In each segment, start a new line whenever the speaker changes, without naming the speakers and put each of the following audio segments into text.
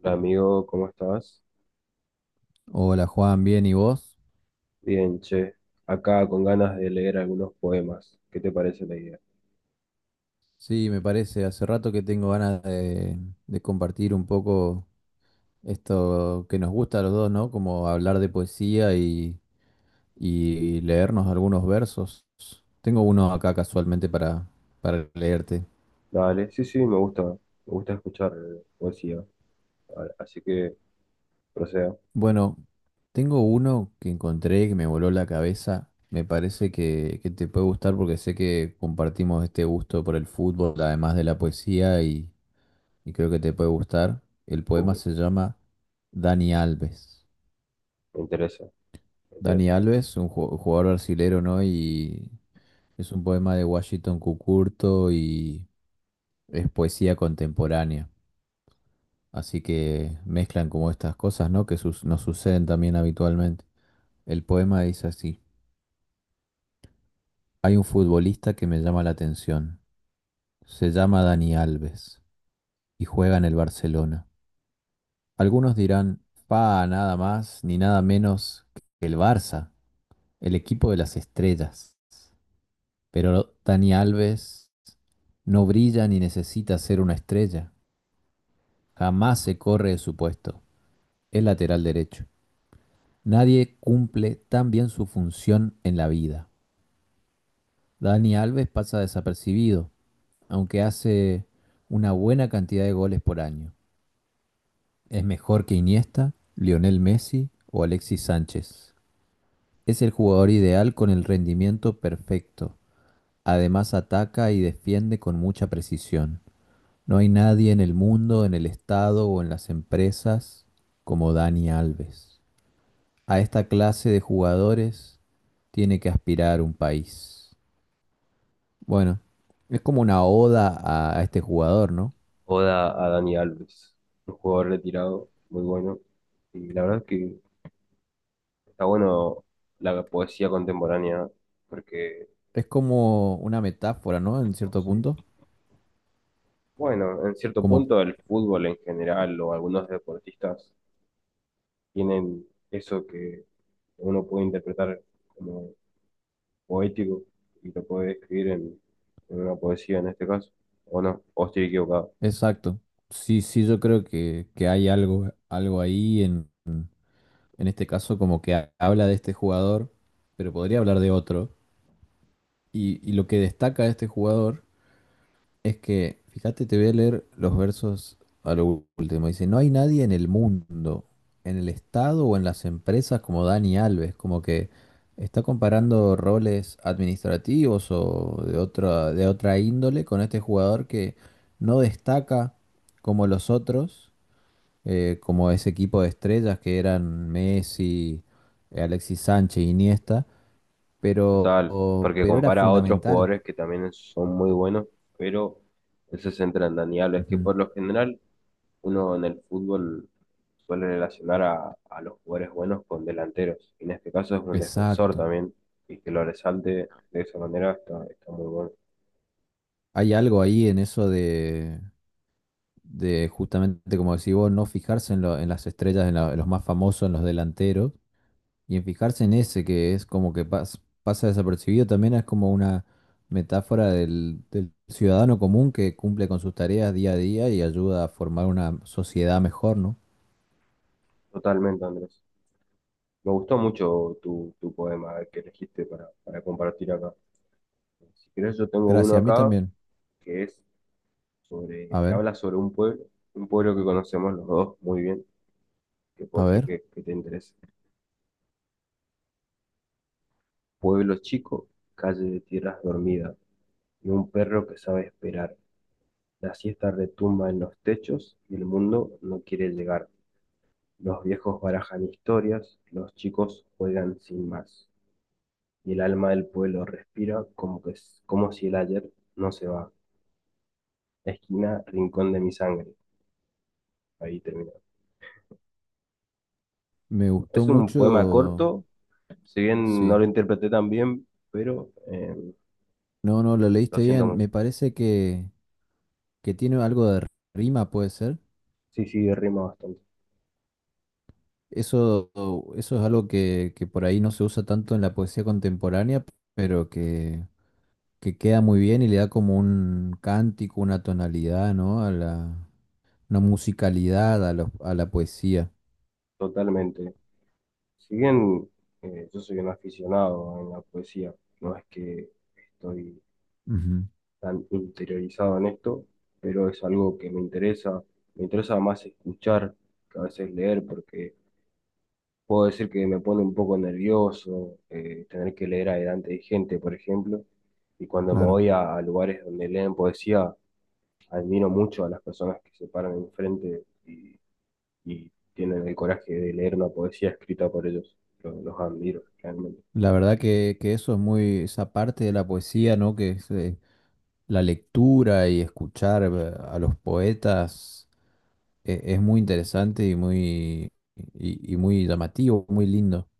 Hola amigo, ¿cómo estás?
Hola Juan, bien, ¿y vos?
Bien, che. Acá con ganas de leer algunos poemas. ¿Qué te parece la idea?
Sí, me parece, hace rato que tengo ganas de compartir un poco esto que nos gusta a los dos, ¿no? Como hablar de poesía y leernos algunos versos. Tengo uno acá casualmente para leerte.
Dale, sí, sí, me gusta. Me gusta escuchar poesía. Así que proceda.
Bueno, tengo uno que encontré que me voló la cabeza. Me parece que te puede gustar porque sé que compartimos este gusto por el fútbol, además de la poesía, y creo que te puede gustar. El poema
Uh,
se llama Dani Alves.
me interesa, me
Dani
interesa.
Alves, un jugador brasilero, ¿no? Y es un poema de Washington Cucurto y es poesía contemporánea. Así que mezclan como estas cosas, ¿no? Que nos suceden también habitualmente. El poema dice así: hay un futbolista que me llama la atención. Se llama Dani Alves y juega en el Barcelona. Algunos dirán, fa, nada más ni nada menos que el Barça. El equipo de las estrellas. Pero Dani Alves no brilla ni necesita ser una estrella. Jamás se corre de su puesto. Es lateral derecho. Nadie cumple tan bien su función en la vida. Dani Alves pasa desapercibido, aunque hace una buena cantidad de goles por año. Es mejor que Iniesta, Lionel Messi o Alexis Sánchez. Es el jugador ideal con el rendimiento perfecto. Además ataca y defiende con mucha precisión. No hay nadie en el mundo, en el Estado o en las empresas como Dani Alves. A esta clase de jugadores tiene que aspirar un país. Bueno, es como una oda a este jugador, ¿no?
Oda a Dani Alves, un jugador retirado, muy bueno. Y la verdad es que está bueno la poesía contemporánea, porque,
Es como una metáfora, ¿no? En cierto
sí,
punto.
bueno, en cierto
Como,
punto el fútbol en general o algunos deportistas tienen eso que uno puede interpretar como poético y lo puede escribir en una poesía en este caso, o no, o estoy equivocado.
exacto. Sí, sí, yo creo que hay algo, algo ahí en este caso como que habla de este jugador, pero podría hablar de otro. Y lo que destaca de este jugador es que, fíjate, te voy a leer los versos a lo último. Dice, no hay nadie en el mundo, en el Estado o en las empresas como Dani Alves, como que está comparando roles administrativos o de otra índole con este jugador que no destaca como los otros, como ese equipo de estrellas que eran Messi, Alexis Sánchez, Iniesta, pero,
Total, porque
pero era
compara a otros
fundamental.
jugadores que también son muy buenos, pero él se centra en Dani Alves, que
Ujú.
por lo general uno en el fútbol suele relacionar a los jugadores buenos con delanteros, y en este caso es un defensor
Exacto.
también, y que lo resalte de esa manera está, está muy bueno.
Hay algo ahí en eso de justamente, como decís vos, no fijarse en, en las estrellas, en, en los más famosos, en los delanteros, y en fijarse en ese que es como que pasa desapercibido, también es como una metáfora del, del ciudadano común que cumple con sus tareas día a día y ayuda a formar una sociedad mejor, ¿no?
Totalmente, Andrés. Me gustó mucho tu poema que elegiste para compartir acá. Si querés, yo tengo uno
Gracias, a mí
acá
también.
que es sobre,
A
que
ver,
habla sobre un pueblo que conocemos los dos muy bien, que
a
puede ser
ver,
que te interese. Pueblo chico, calle de tierras dormida, y un perro que sabe esperar. La siesta retumba en los techos y el mundo no quiere llegar. Los viejos barajan historias, los chicos juegan sin más. Y el alma del pueblo respira como si el ayer no se va. Esquina, rincón de mi sangre. Ahí termina.
me gustó
Es un poema
mucho,
corto, si bien no
sí.
lo interpreté tan bien, pero
No, no, lo
lo
leíste
siento
bien.
mucho.
Me parece que tiene algo de rima, puede ser.
Sí, sí, rima bastante,
Eso, eso es algo que por ahí no se usa tanto en la poesía contemporánea, pero que queda muy bien y le da como un cántico, una tonalidad, ¿no? A la, una musicalidad a, a la poesía.
totalmente. Si bien yo soy un aficionado en la poesía, no es que estoy
Ujú,
tan interiorizado en esto, pero es algo que me interesa. Me interesa más escuchar que a veces leer, porque puedo decir que me pone un poco nervioso tener que leer adelante de gente, por ejemplo, y cuando me
claro.
voy a lugares donde leen poesía, admiro mucho a las personas que se paran enfrente y tienen el coraje de leer una poesía escrita por ellos. Los admiro, realmente.
La verdad que eso es muy, esa parte de la poesía, ¿no? Que es la lectura y escuchar a los poetas es muy interesante y muy, y muy llamativo, muy lindo.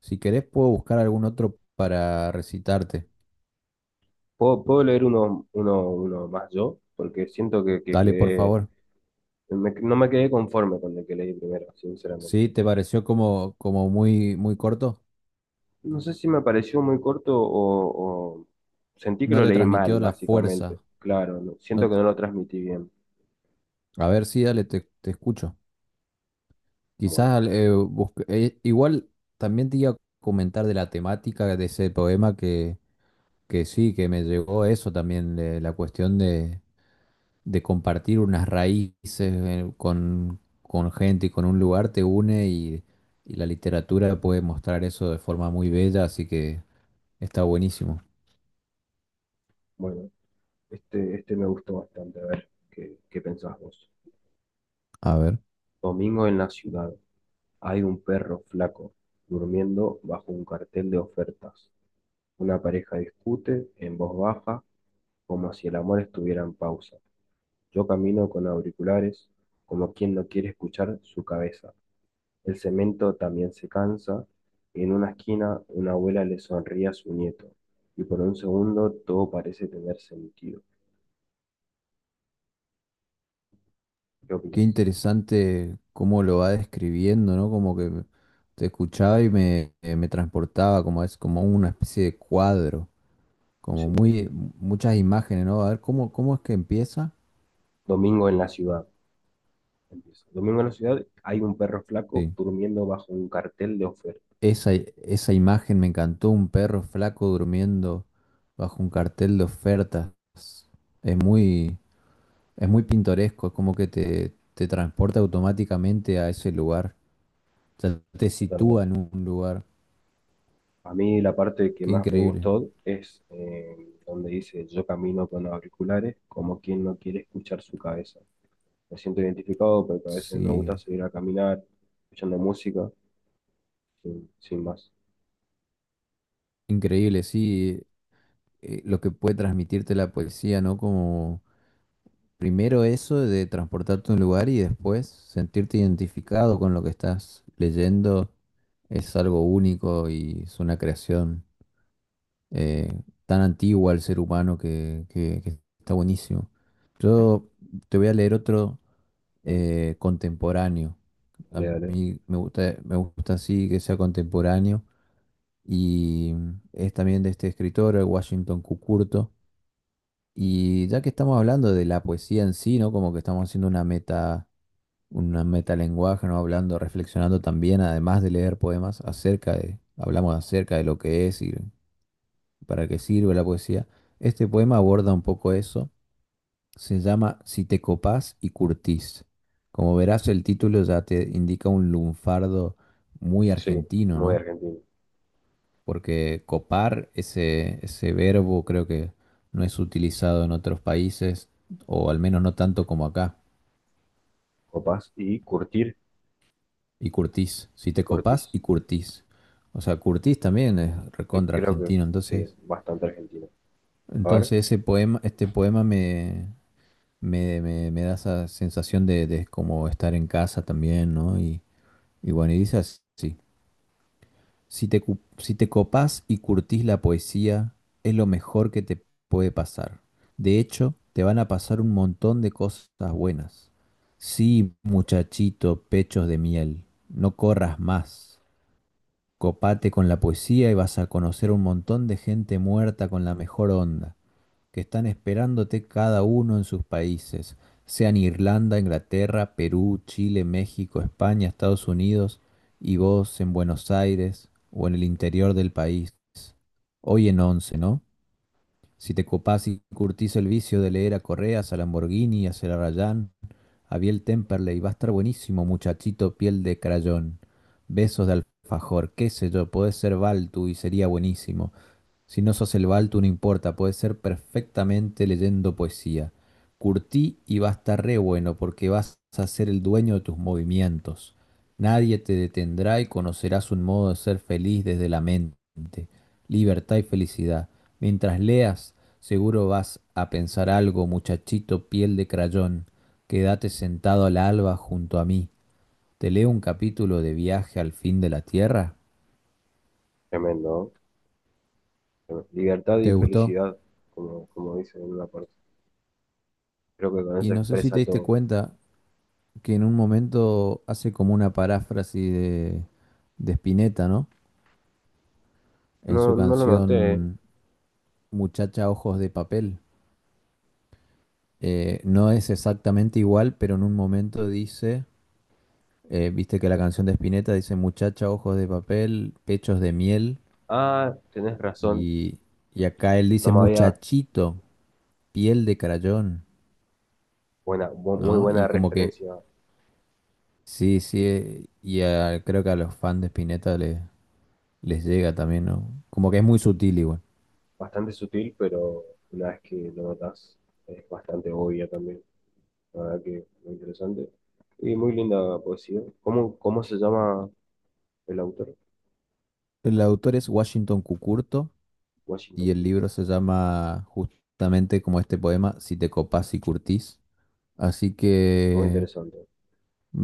Si querés, puedo buscar algún otro para recitarte.
Puedo leer uno más yo? Porque siento que
Dale, por
quedé,
favor.
no me quedé conforme con el que leí primero, sinceramente.
Sí, te pareció como, como muy, muy corto.
No sé si me pareció muy corto o sentí que
No
lo
te
leí mal,
transmitió la
básicamente.
fuerza.
Claro,
No
siento que
t-
no lo transmití bien.
A ver, sí, dale, te escucho.
Bueno,
Quizás igual también te iba a comentar de la temática de ese poema que sí, que me llegó eso también, de la cuestión de compartir unas raíces con gente y con un lugar te une y la literatura puede mostrar eso de forma muy bella, así que está buenísimo.
bueno, este me gustó bastante. A ver, qué pensás vos?
A ver,
Domingo en la ciudad. Hay un perro flaco durmiendo bajo un cartel de ofertas. Una pareja discute en voz baja como si el amor estuviera en pausa. Yo camino con auriculares como quien no quiere escuchar su cabeza. El cemento también se cansa. En una esquina, una abuela le sonríe a su nieto. Y por un segundo, todo parece tener sentido. ¿Qué
qué
opinas?
interesante cómo lo va describiendo, ¿no? Como que te escuchaba y me, me transportaba, como es como una especie de cuadro, como
Sí.
muy muchas imágenes, ¿no? A ver, ¿cómo, cómo es que empieza?
Domingo en la ciudad. Empieza. Domingo en la ciudad hay un perro flaco
Sí.
durmiendo bajo un cartel de ofertas.
Esa imagen me encantó, un perro flaco durmiendo bajo un cartel de ofertas. Es muy, es muy pintoresco, es como que te transporta automáticamente a ese lugar. Ya te sitúa
Totalmente.
en un lugar.
A mí la parte que
Qué
más me
increíble.
gustó es donde dice yo camino con auriculares como quien no quiere escuchar su cabeza. Me siento identificado porque a veces me
Sí,
gusta salir a caminar escuchando música sin más.
increíble, sí. Lo que puede transmitirte la poesía, ¿no? Como primero eso de transportarte a un lugar y después sentirte identificado con lo que estás leyendo es algo único y es una creación eh, tan antigua al ser humano que, que está buenísimo. Yo te voy a leer otro
Dale,
contemporáneo. A
dale, dale.
mí me gusta así que sea contemporáneo y es también de este escritor, el Washington Cucurto. Y ya que estamos hablando de la poesía en sí, ¿no? Como que estamos haciendo una meta una metalenguaje, ¿no? Hablando, reflexionando también, además de leer poemas, acerca de, hablamos acerca de lo que es y para qué sirve la poesía. Este poema aborda un poco eso. Se llama Si te copás y curtís. Como verás, el título ya te indica un lunfardo muy
Sí,
argentino,
muy
¿no?
argentino.
Porque copar, ese verbo, creo que no es utilizado en otros países, o al menos no tanto como acá.
Copás y Curtir,
Y Curtis, si te copás,
Curtis.
y Curtis. O sea, Curtis también es recontra
Creo que
argentino,
sí,
entonces,
bastante argentino. A ver,
entonces ese poema, este poema me da esa sensación de como estar en casa también, ¿no? Y bueno, y dice así, si te, si te copás y curtís la poesía, es lo mejor que te puede pasar. De hecho, te van a pasar un montón de cosas buenas. Sí, muchachito, pechos de miel, no corras más. Copate con la poesía y vas a conocer un montón de gente muerta con la mejor onda, que están esperándote cada uno en sus países, sean Irlanda, Inglaterra, Perú, Chile, México, España, Estados Unidos, y vos en Buenos Aires o en el interior del país. Hoy en once, ¿no? Si te copás y curtís el vicio de leer a Correas, a Lamborghini, a Celarayán, a Biel Temperley, va a estar buenísimo, muchachito, piel de crayón. Besos de alfajor, qué sé yo, podés ser Baltu y sería buenísimo. Si no sos el Balto, no importa, puede ser perfectamente leyendo poesía. Curtí y va a estar re bueno porque vas a ser el dueño de tus movimientos. Nadie te detendrá y conocerás un modo de ser feliz desde la mente. Libertad y felicidad. Mientras leas, seguro vas a pensar algo, muchachito piel de crayón. Quédate sentado al alba junto a mí. Te leo un capítulo de Viaje al fin de la Tierra.
tremendo, ¿no? Tremendo. Libertad y
¿Te gustó?
felicidad, como dice en una parte. Creo que con
Y
eso
no sé si te
expresa
diste
todo.
cuenta, que en un momento hace como una paráfrasis de Spinetta, ¿no? En su
No, no lo noté. ¿Eh?
canción Muchacha Ojos de Papel. No es exactamente igual, pero en un momento dice, viste que la canción de Spinetta dice Muchacha Ojos de Papel, Pechos de Miel,
Ah, tenés razón.
y, y acá él
No
dice
me había
Muchachito, Piel de Crayón,
muy
¿no?
buena
Y como que,
referencia.
sí, sí, y creo que a los fans de Spinetta les llega también, ¿no? Como que es muy sutil igual.
Bastante sutil, pero una vez que lo notas es bastante obvia también. La verdad que muy interesante. Y muy linda poesía. Cómo se llama? El autor,
El autor es Washington Cucurto y
Washington
el
Cultural.
libro se llama justamente como este poema, Si te copás y curtís. Así
Muy
que
interesante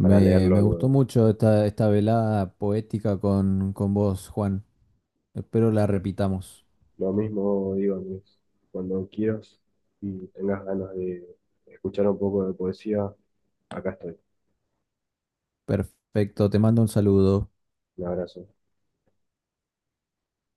para leerlo
me gustó
luego.
mucho esta, esta velada poética con vos, Juan. Espero la repitamos.
Lo mismo digo, Andrés, cuando quieras y tengas ganas de escuchar un poco de poesía, acá estoy.
Perfecto, te mando un saludo.
Un abrazo.